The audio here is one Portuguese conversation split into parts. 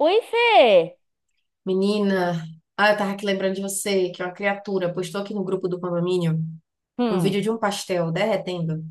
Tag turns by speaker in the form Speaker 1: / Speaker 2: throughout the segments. Speaker 1: Oi, Fê!
Speaker 2: Menina, ah, eu tava aqui lembrando de você, que é uma criatura postou aqui no grupo do condomínio um
Speaker 1: Hum.
Speaker 2: vídeo de um pastel derretendo.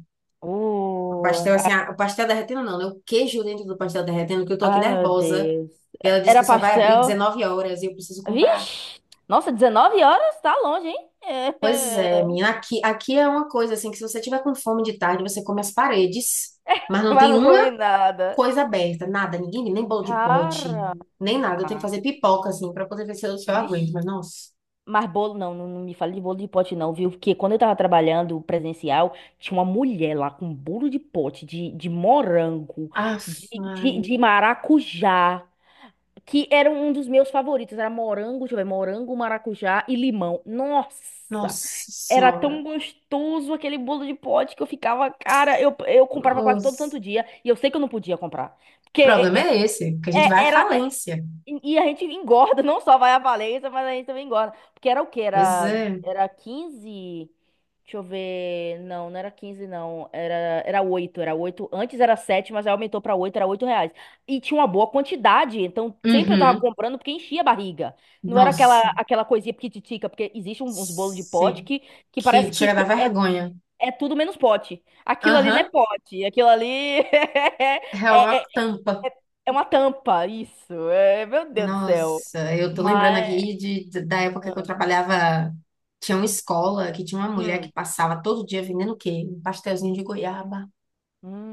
Speaker 2: Um
Speaker 1: Uh,
Speaker 2: pastel assim, ah, o pastel derretendo não, né? O queijo dentro do pastel derretendo, que eu tô aqui
Speaker 1: Ai, meu
Speaker 2: nervosa.
Speaker 1: Deus.
Speaker 2: E ela disse
Speaker 1: Era
Speaker 2: que só vai abrir
Speaker 1: pastel.
Speaker 2: 19h e eu preciso comprar.
Speaker 1: Vixe! Nossa, 19h? Tá longe, hein?
Speaker 2: Pois é, menina, aqui é uma coisa assim, que se você tiver com fome de tarde, você come as paredes, mas não
Speaker 1: Mas
Speaker 2: tem
Speaker 1: não
Speaker 2: uma
Speaker 1: comi nada.
Speaker 2: coisa aberta, nada, ninguém, nem bolo de pote,
Speaker 1: Cara.
Speaker 2: nem nada. Eu tenho que fazer pipoca, assim, pra poder ver se eu aguento,
Speaker 1: Vixe.
Speaker 2: mas nossa.
Speaker 1: Mas bolo, não, não, não me fale de bolo de pote, não, viu? Porque quando eu tava trabalhando presencial, tinha uma mulher lá com bolo de pote, de morango,
Speaker 2: Ah,
Speaker 1: de, de maracujá, que era um dos meus favoritos. Era morango, deixa eu ver, morango, maracujá e limão. Nossa,
Speaker 2: Nossa
Speaker 1: era tão
Speaker 2: Senhora.
Speaker 1: gostoso aquele bolo de pote que eu ficava, cara, eu comprava quase todo santo
Speaker 2: Nossa.
Speaker 1: dia e eu sei que eu não podia comprar.
Speaker 2: O
Speaker 1: Porque é-
Speaker 2: problema
Speaker 1: é-
Speaker 2: é esse, que a gente vai
Speaker 1: é-
Speaker 2: à
Speaker 1: Era.
Speaker 2: falência.
Speaker 1: E a gente engorda, não só vai à falência, mas a gente também engorda. Porque era o quê?
Speaker 2: Pois
Speaker 1: Era,
Speaker 2: é.
Speaker 1: era 15. Deixa eu ver. Não, não era 15 não. Era oito. Era oito. Antes era sete, mas aí aumentou pra oito, era R$ 8. E tinha uma boa quantidade. Então sempre eu tava
Speaker 2: Uhum.
Speaker 1: comprando porque enchia a barriga. Não era aquela,
Speaker 2: Nossa.
Speaker 1: aquela coisinha pititica, porque existe uns bolos de pote
Speaker 2: Sim.
Speaker 1: que
Speaker 2: Que
Speaker 1: parece que
Speaker 2: chega da vergonha.
Speaker 1: é tudo menos pote. Aquilo ali não é
Speaker 2: Aham.
Speaker 1: pote. Aquilo ali
Speaker 2: É uma
Speaker 1: é,
Speaker 2: tampa.
Speaker 1: é uma tampa, isso. É, meu Deus do céu.
Speaker 2: Nossa, eu tô lembrando
Speaker 1: Mas.
Speaker 2: aqui da época que eu
Speaker 1: Ah,
Speaker 2: trabalhava. Tinha uma escola que tinha uma mulher
Speaker 1: Hum.
Speaker 2: que passava todo dia vendendo o quê? Um pastelzinho de goiaba.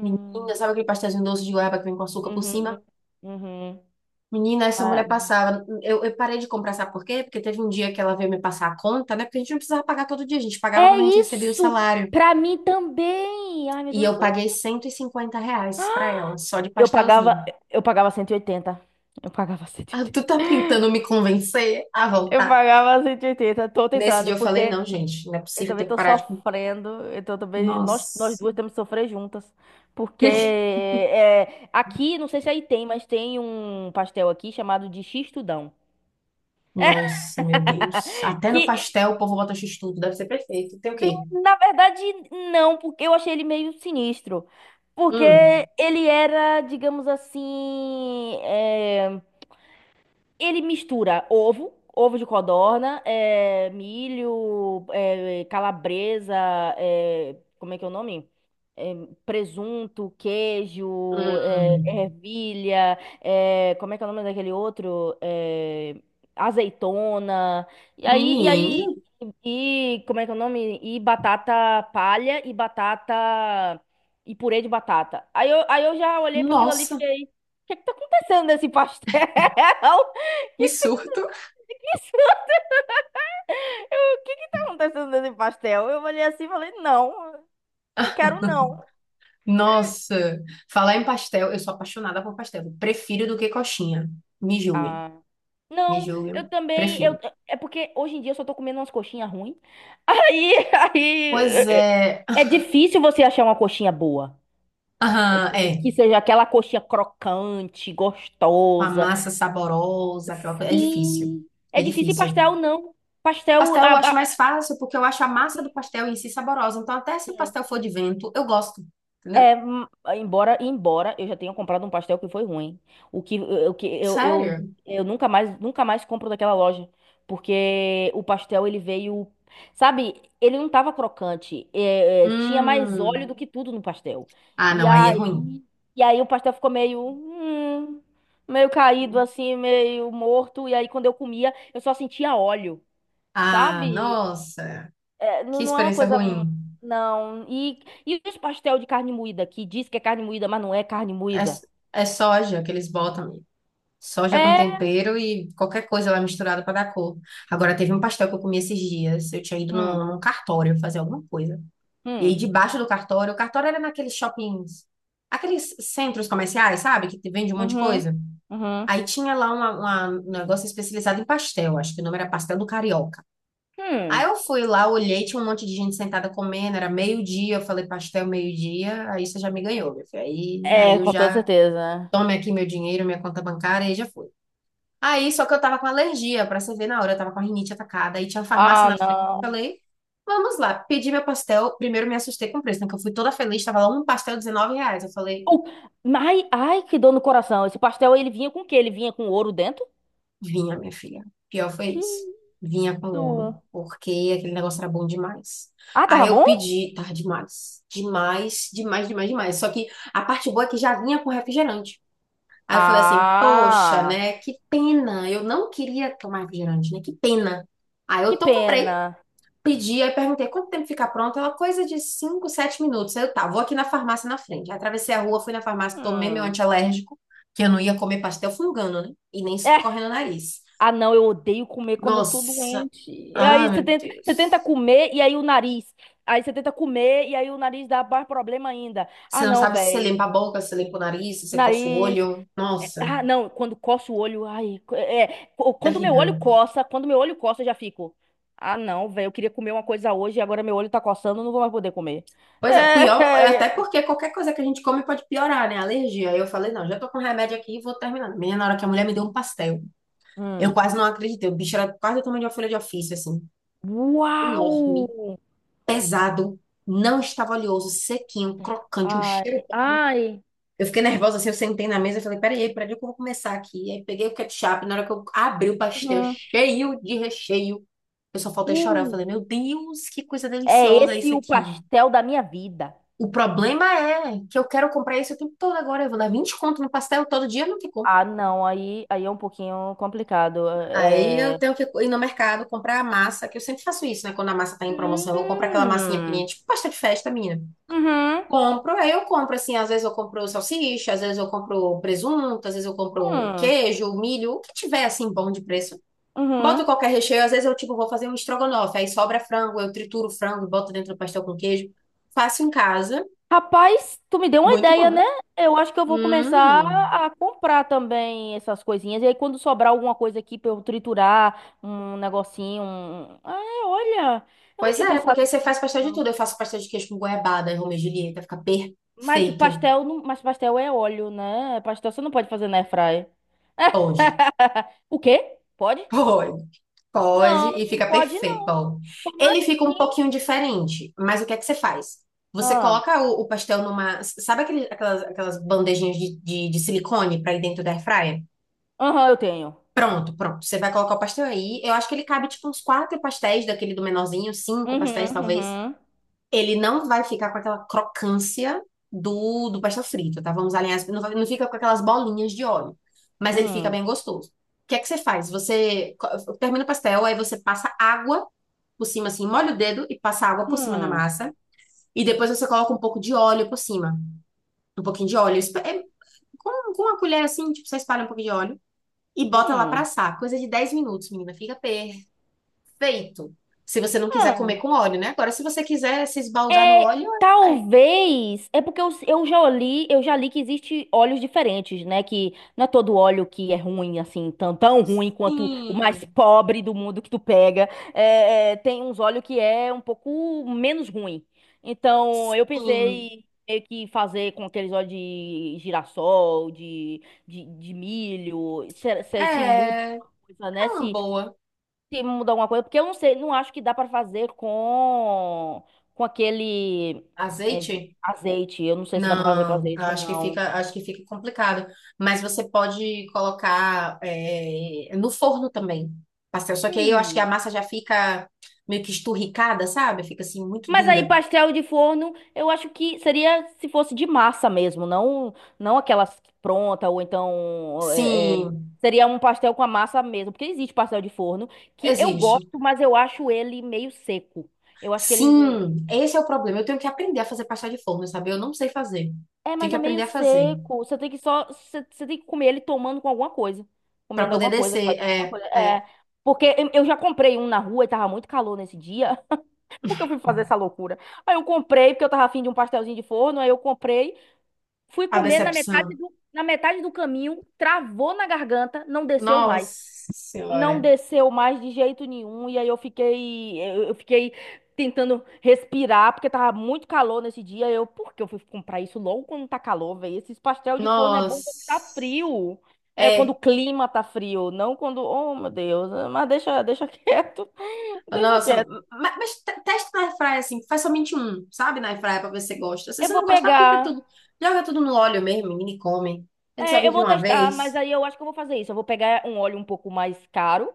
Speaker 2: Menina, sabe aquele pastelzinho doce de goiaba que vem com açúcar por cima?
Speaker 1: Uhum. Uhum. Uhum.
Speaker 2: Menina, essa
Speaker 1: Ah,
Speaker 2: mulher passava. Eu parei de comprar, sabe por quê? Porque teve um dia que ela veio me passar a conta, né? Porque a gente não precisava pagar todo dia, a gente pagava
Speaker 1: é
Speaker 2: quando a gente recebia o
Speaker 1: isso!
Speaker 2: salário.
Speaker 1: Pra mim também! Ai, meu
Speaker 2: E
Speaker 1: Deus do
Speaker 2: eu
Speaker 1: céu.
Speaker 2: paguei 150 reais pra ela, só de
Speaker 1: Eu pagava,
Speaker 2: pastelzinho.
Speaker 1: eu pagava 180. Eu pagava cento e
Speaker 2: Ah, tu
Speaker 1: oitenta.
Speaker 2: tá tentando me convencer a
Speaker 1: Eu
Speaker 2: voltar?
Speaker 1: pagava 180. Tô
Speaker 2: Nesse dia
Speaker 1: tentando,
Speaker 2: eu falei,
Speaker 1: porque
Speaker 2: não, gente, não é
Speaker 1: eu
Speaker 2: possível, eu
Speaker 1: também
Speaker 2: tenho que
Speaker 1: tô
Speaker 2: parar de.
Speaker 1: sofrendo. Então também nós
Speaker 2: Nossa.
Speaker 1: duas temos que sofrer juntas. Porque é, aqui, não sei se aí tem, mas tem um pastel aqui chamado de x.
Speaker 2: Nossa, meu Deus. Até no
Speaker 1: Que,
Speaker 2: pastel o povo bota x-tudo, deve ser perfeito. Tem o quê?
Speaker 1: na verdade, não, porque eu achei ele meio sinistro. Porque
Speaker 2: Hum,
Speaker 1: ele era, digamos assim, é, ele mistura ovo, ovo de codorna, é, milho, é, calabresa, é, como é que é o nome? Presunto, queijo,
Speaker 2: hum.
Speaker 1: ervilha, como é que é o nome daquele outro? Azeitona. E aí, e
Speaker 2: Menina,
Speaker 1: aí, e como é que é o nome? E batata palha e batata e purê de batata. Aí eu já olhei para aquilo ali e
Speaker 2: nossa,
Speaker 1: fiquei, o que que tá acontecendo nesse pastel?
Speaker 2: que surto.
Speaker 1: O que que isso? O que que tá acontecendo nesse pastel? Eu olhei assim e falei, não, não quero não.
Speaker 2: Nossa, falar em pastel, eu sou apaixonada por pastel. Prefiro do que coxinha. Me julguem,
Speaker 1: Ah.
Speaker 2: me
Speaker 1: Não, eu
Speaker 2: julguem.
Speaker 1: também.
Speaker 2: Prefiro.
Speaker 1: É porque hoje em dia eu só tô comendo umas coxinhas ruins. Aí, aí.
Speaker 2: Pois
Speaker 1: É
Speaker 2: é,
Speaker 1: é difícil você achar uma coxinha boa. É.
Speaker 2: aham,
Speaker 1: Que,
Speaker 2: é.
Speaker 1: que seja aquela coxinha crocante,
Speaker 2: Com a
Speaker 1: gostosa.
Speaker 2: massa saborosa, aquela coisa. É difícil.
Speaker 1: Sim. É
Speaker 2: É
Speaker 1: difícil e
Speaker 2: difícil.
Speaker 1: pastel, não. Pastel.
Speaker 2: Pastel eu acho mais fácil porque eu acho a massa do pastel em si saborosa. Então, até se o
Speaker 1: Sim.
Speaker 2: pastel for de vento, eu gosto. Entendeu?
Speaker 1: É, embora eu já tenha comprado um pastel que foi ruim. O que, o que
Speaker 2: Sério?
Speaker 1: eu nunca mais, compro daquela loja, porque o pastel ele veio, sabe, ele não tava crocante, tinha mais óleo
Speaker 2: Hum.
Speaker 1: do que tudo no pastel.
Speaker 2: Ah,
Speaker 1: E
Speaker 2: não, aí é ruim.
Speaker 1: aí, e aí o pastel ficou meio, meio caído assim, meio morto, e aí quando eu comia, eu só sentia óleo,
Speaker 2: Ah,
Speaker 1: sabe?
Speaker 2: nossa,
Speaker 1: É,
Speaker 2: que
Speaker 1: não, não é uma
Speaker 2: experiência
Speaker 1: coisa. Hum.
Speaker 2: ruim.
Speaker 1: Não. E os pastel de carne moída, que diz que é carne moída, mas não é carne
Speaker 2: É,
Speaker 1: moída?
Speaker 2: é soja que eles botam. Soja com
Speaker 1: É.
Speaker 2: tempero e qualquer coisa lá misturada para dar cor. Agora, teve um pastel que eu comi esses dias. Eu tinha ido
Speaker 1: Hum,
Speaker 2: num cartório fazer alguma coisa. E aí,
Speaker 1: hum,
Speaker 2: debaixo do cartório, o cartório era naqueles shoppings, aqueles centros comerciais, sabe? Que te vende um monte de
Speaker 1: uhum,
Speaker 2: coisa.
Speaker 1: uhum,
Speaker 2: Aí tinha lá um negócio especializado em pastel. Acho que o nome era Pastel do Carioca. Aí
Speaker 1: hum.
Speaker 2: eu fui lá, olhei, tinha um monte de gente sentada comendo. Era meio-dia. Eu falei, pastel meio-dia. Aí você já me ganhou, meu filho. Aí
Speaker 1: É,
Speaker 2: eu
Speaker 1: com toda
Speaker 2: já.
Speaker 1: certeza.
Speaker 2: Tome aqui meu dinheiro, minha conta bancária, e já fui. Aí, só que eu tava com alergia, pra você ver na hora, eu tava com a rinite atacada, aí tinha uma farmácia
Speaker 1: Ah,
Speaker 2: na frente, eu
Speaker 1: não.
Speaker 2: falei, vamos lá, pedi meu pastel, primeiro me assustei com o preço, né, que eu fui toda feliz, tava lá um pastel R$ 19, eu falei,
Speaker 1: Oh, ai, ai, que dor no coração. Esse pastel, ele vinha com o quê? Ele vinha com ouro dentro?
Speaker 2: vinha, minha filha, pior foi
Speaker 1: Que
Speaker 2: isso, vinha com ouro,
Speaker 1: isso?
Speaker 2: porque aquele negócio era bom demais.
Speaker 1: Ah, tava
Speaker 2: Aí eu
Speaker 1: bom?
Speaker 2: pedi, tava demais, demais, demais, demais, demais, só que a parte boa é que já vinha com refrigerante. Aí eu falei assim, poxa,
Speaker 1: Ah,
Speaker 2: né, que pena, eu não queria tomar refrigerante, né, que pena. Aí eu
Speaker 1: que
Speaker 2: tô, comprei.
Speaker 1: pena.
Speaker 2: Pedi, aí perguntei quanto tempo fica pronto. Ela, coisa de 5 7 minutos. Aí eu, tá, vou aqui na farmácia na frente. Aí atravessei a rua, fui na farmácia, tomei meu
Speaker 1: Hum.
Speaker 2: antialérgico, que eu não ia comer pastel fungando, né? E nem escorrendo o nariz.
Speaker 1: Ah, não, eu odeio comer quando eu tô
Speaker 2: Nossa,
Speaker 1: doente. E
Speaker 2: ah,
Speaker 1: aí
Speaker 2: meu
Speaker 1: você tenta
Speaker 2: Deus.
Speaker 1: comer e aí o nariz. Aí você tenta comer e aí o nariz dá mais problema ainda.
Speaker 2: Você
Speaker 1: Ah,
Speaker 2: não
Speaker 1: não,
Speaker 2: sabe se você
Speaker 1: velho.
Speaker 2: limpa a boca, se você limpa o nariz, se você coça o
Speaker 1: Nariz.
Speaker 2: olho.
Speaker 1: É.
Speaker 2: Nossa,
Speaker 1: Ah, não, quando coça o olho, ai, quando meu olho
Speaker 2: terrível.
Speaker 1: coça, quando meu olho coça, eu já fico. Ah, não, velho, eu queria comer uma coisa hoje e agora meu olho tá coçando, eu não vou mais poder comer. É,
Speaker 2: Pois é, pior, até porque qualquer coisa que a gente come pode piorar, né? Alergia. Aí eu falei, não, já tô com remédio aqui e vou terminar. Menina, na hora que a mulher me deu um pastel,
Speaker 1: hum.
Speaker 2: eu quase não acreditei. O bicho era quase do tamanho de uma folha de ofício, assim, enorme,
Speaker 1: Uau!
Speaker 2: pesado, não estava oleoso, sequinho, crocante, um
Speaker 1: Ai,
Speaker 2: cheiro.
Speaker 1: ai.
Speaker 2: Eu fiquei nervosa, assim, eu sentei na mesa e falei, peraí, peraí, que eu vou começar aqui. E aí peguei o ketchup, na hora que eu abri o pastel,
Speaker 1: Uhum.
Speaker 2: cheio de recheio, eu só faltei chorar. Eu falei,
Speaker 1: Hum.
Speaker 2: meu Deus, que coisa
Speaker 1: É
Speaker 2: deliciosa isso
Speaker 1: esse o
Speaker 2: aqui.
Speaker 1: pastel da minha vida.
Speaker 2: O problema é que eu quero comprar isso o tempo todo agora. Eu vou dar 20 conto no pastel todo dia, eu não tem como.
Speaker 1: Ah, não, aí, aí é um pouquinho complicado.
Speaker 2: Aí eu
Speaker 1: É...
Speaker 2: tenho que ir no mercado comprar a massa, que eu sempre faço isso, né? Quando a massa tá em promoção, eu compro aquela massinha pequenininha,
Speaker 1: Hum,
Speaker 2: tipo pastel de festa, menina.
Speaker 1: uhum,
Speaker 2: Compro, aí eu compro assim, às vezes eu compro salsicha, às vezes eu compro presunto, às vezes eu compro
Speaker 1: hum,
Speaker 2: queijo, milho, o que tiver assim bom de preço. Boto
Speaker 1: uhum.
Speaker 2: qualquer recheio, às vezes eu tipo vou fazer um estrogonofe, aí sobra frango, eu trituro o frango e boto dentro do pastel com queijo. Faço em casa,
Speaker 1: Rapaz, tu me deu uma
Speaker 2: muito bom,
Speaker 1: ideia, né?
Speaker 2: viu?
Speaker 1: Eu acho que eu vou começar
Speaker 2: Hum.
Speaker 1: a comprar também essas coisinhas. E aí, quando sobrar alguma coisa aqui pra eu triturar, um negocinho. Um... Ah, olha, eu não
Speaker 2: Pois
Speaker 1: tinha
Speaker 2: é,
Speaker 1: pensado
Speaker 2: porque aí você
Speaker 1: nisso,
Speaker 2: faz pastel de tudo.
Speaker 1: não.
Speaker 2: Eu faço pastel de queijo com goiabada, Romeu e Julieta, fica
Speaker 1: Mas
Speaker 2: perfeito.
Speaker 1: pastel, não... Mas pastel é óleo, né? Pastel você não pode fazer na airfryer.
Speaker 2: Pode,
Speaker 1: O quê? Pode?
Speaker 2: pode. Pode
Speaker 1: Não,
Speaker 2: e
Speaker 1: não
Speaker 2: fica
Speaker 1: pode
Speaker 2: perfeito,
Speaker 1: não.
Speaker 2: Paulo.
Speaker 1: Como
Speaker 2: Ele fica um
Speaker 1: assim?
Speaker 2: pouquinho diferente, mas o que é que você faz? Você
Speaker 1: Ah,
Speaker 2: coloca o pastel numa. Sabe aquelas bandejinhas de silicone para ir dentro da airfryer?
Speaker 1: aham, eu tenho.
Speaker 2: Pronto, pronto. Você vai colocar o pastel aí. Eu acho que ele cabe tipo uns quatro pastéis, daquele do menorzinho, cinco
Speaker 1: Uhum,
Speaker 2: pastéis talvez.
Speaker 1: uhum.
Speaker 2: Ele não vai ficar com aquela crocância do pastel frito, tá? Vamos alinhar. Não, não fica com aquelas bolinhas de óleo, mas ele fica
Speaker 1: Hum,
Speaker 2: bem gostoso. O que é que você faz? Você termina o pastel, aí você passa água por cima, assim, molha o dedo e passa água por cima da
Speaker 1: hum,
Speaker 2: massa. E depois você coloca um pouco de óleo por cima. Um pouquinho de óleo. Com uma colher assim, tipo, você espalha um pouco de óleo e bota lá pra
Speaker 1: hum.
Speaker 2: assar. Coisa de 10 minutos, menina. Fica perfeito. Se você não quiser
Speaker 1: Ah,
Speaker 2: comer com óleo, né? Agora, se você quiser se esbaldar no
Speaker 1: é,
Speaker 2: óleo, vai.
Speaker 1: talvez, é porque eu já li que existe óleos diferentes, né? Que não é todo óleo que é ruim, assim, tão, tão ruim quanto o mais
Speaker 2: Sim,
Speaker 1: pobre do mundo que tu pega. É, é, tem uns óleos que é um pouco menos ruim. Então, eu
Speaker 2: sim.
Speaker 1: pensei meio que fazer com aqueles óleos de girassol, de milho, se muda
Speaker 2: É
Speaker 1: alguma coisa, né?
Speaker 2: uma boa.
Speaker 1: Se mudar alguma coisa, porque eu não sei, não acho que dá para fazer com aquele é,
Speaker 2: Azeite?
Speaker 1: azeite. Eu não sei se dá para fazer com
Speaker 2: Não,
Speaker 1: azeite, não.
Speaker 2: acho que fica complicado. Mas você pode colocar é, no forno também, pastel. Só que aí eu acho que a
Speaker 1: Hum.
Speaker 2: massa já fica meio que esturricada, sabe? Fica assim muito
Speaker 1: Mas aí
Speaker 2: dura.
Speaker 1: pastel de forno, eu acho que seria se fosse de massa mesmo, não não aquelas pronta ou então é, é,
Speaker 2: Sim,
Speaker 1: seria um pastel com a massa mesmo, porque existe pastel de forno que eu
Speaker 2: existe.
Speaker 1: gosto, mas eu acho ele meio seco. Eu acho que eles.
Speaker 2: Sim, esse é o problema. Eu tenho que aprender a fazer pastel de forno, sabe? Eu não sei fazer.
Speaker 1: É,
Speaker 2: Tenho
Speaker 1: mas
Speaker 2: que
Speaker 1: é
Speaker 2: aprender
Speaker 1: meio
Speaker 2: a fazer
Speaker 1: seco. Você tem que só. Você, você tem que comer ele tomando com alguma coisa.
Speaker 2: para
Speaker 1: Comendo
Speaker 2: poder
Speaker 1: alguma coisa,
Speaker 2: descer.
Speaker 1: fazendo alguma
Speaker 2: É,
Speaker 1: coisa.
Speaker 2: é
Speaker 1: É. Porque eu já comprei um na rua e tava muito calor nesse dia. Porque eu fui fazer essa loucura. Aí eu comprei, porque eu tava afim de um pastelzinho de forno. Aí eu comprei, fui
Speaker 2: a
Speaker 1: comer
Speaker 2: decepção.
Speaker 1: na metade do caminho, travou na garganta, não desceu mais,
Speaker 2: Nossa
Speaker 1: não
Speaker 2: senhora.
Speaker 1: desceu mais de jeito nenhum e aí eu fiquei tentando respirar porque tava muito calor nesse dia. Eu, por que eu fui comprar isso logo quando tá calor, velho? Esses pastel de forno é bom quando tá
Speaker 2: Nossa.
Speaker 1: frio. É quando o
Speaker 2: É,
Speaker 1: clima tá frio, não quando, oh meu Deus, mas deixa, deixa quieto. Deixa
Speaker 2: Nossa,
Speaker 1: quieto.
Speaker 2: mas, testa na airfryer assim, faz somente um, sabe, na airfryer pra ver se você gosta. Se
Speaker 1: Eu
Speaker 2: você
Speaker 1: vou
Speaker 2: não gostar, pica
Speaker 1: pegar.
Speaker 2: tudo. Joga tudo no óleo mesmo, menina, e come. A gente só
Speaker 1: É, eu
Speaker 2: vive
Speaker 1: vou
Speaker 2: uma
Speaker 1: testar, mas
Speaker 2: vez.
Speaker 1: aí eu acho que eu vou fazer isso. Eu vou pegar um óleo um pouco mais caro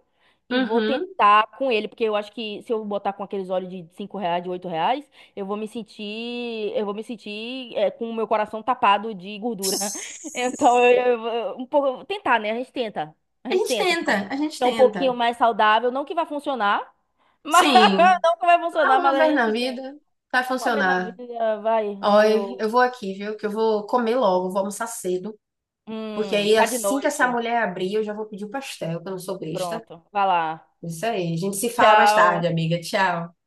Speaker 1: e vou
Speaker 2: Uhum.
Speaker 1: tentar com ele, porque eu acho que se eu botar com aqueles óleos de R$ 5, de R$ 8, eu vou me sentir é, com o meu coração tapado de gordura. Então, um pouco, eu vou tentar, né? A gente tenta. A
Speaker 2: A
Speaker 1: gente
Speaker 2: gente
Speaker 1: tenta. Assim, ó,
Speaker 2: tenta, a gente
Speaker 1: ser um pouquinho
Speaker 2: tenta.
Speaker 1: mais saudável, não que vai funcionar, mas
Speaker 2: Sim,
Speaker 1: não que vai
Speaker 2: mas
Speaker 1: funcionar, mas
Speaker 2: uma
Speaker 1: a
Speaker 2: vez na
Speaker 1: gente tem.
Speaker 2: vida vai
Speaker 1: Uma vez na
Speaker 2: funcionar.
Speaker 1: vida, vai,
Speaker 2: Olha,
Speaker 1: eu.
Speaker 2: eu vou aqui, viu? Que eu vou comer logo, vou almoçar cedo. Porque aí
Speaker 1: Pá de
Speaker 2: assim que essa
Speaker 1: noite.
Speaker 2: mulher abrir, eu já vou pedir o pastel, que eu não sou besta.
Speaker 1: Pronto, vai lá.
Speaker 2: Isso aí. A gente se fala mais
Speaker 1: Tchau.
Speaker 2: tarde, amiga. Tchau.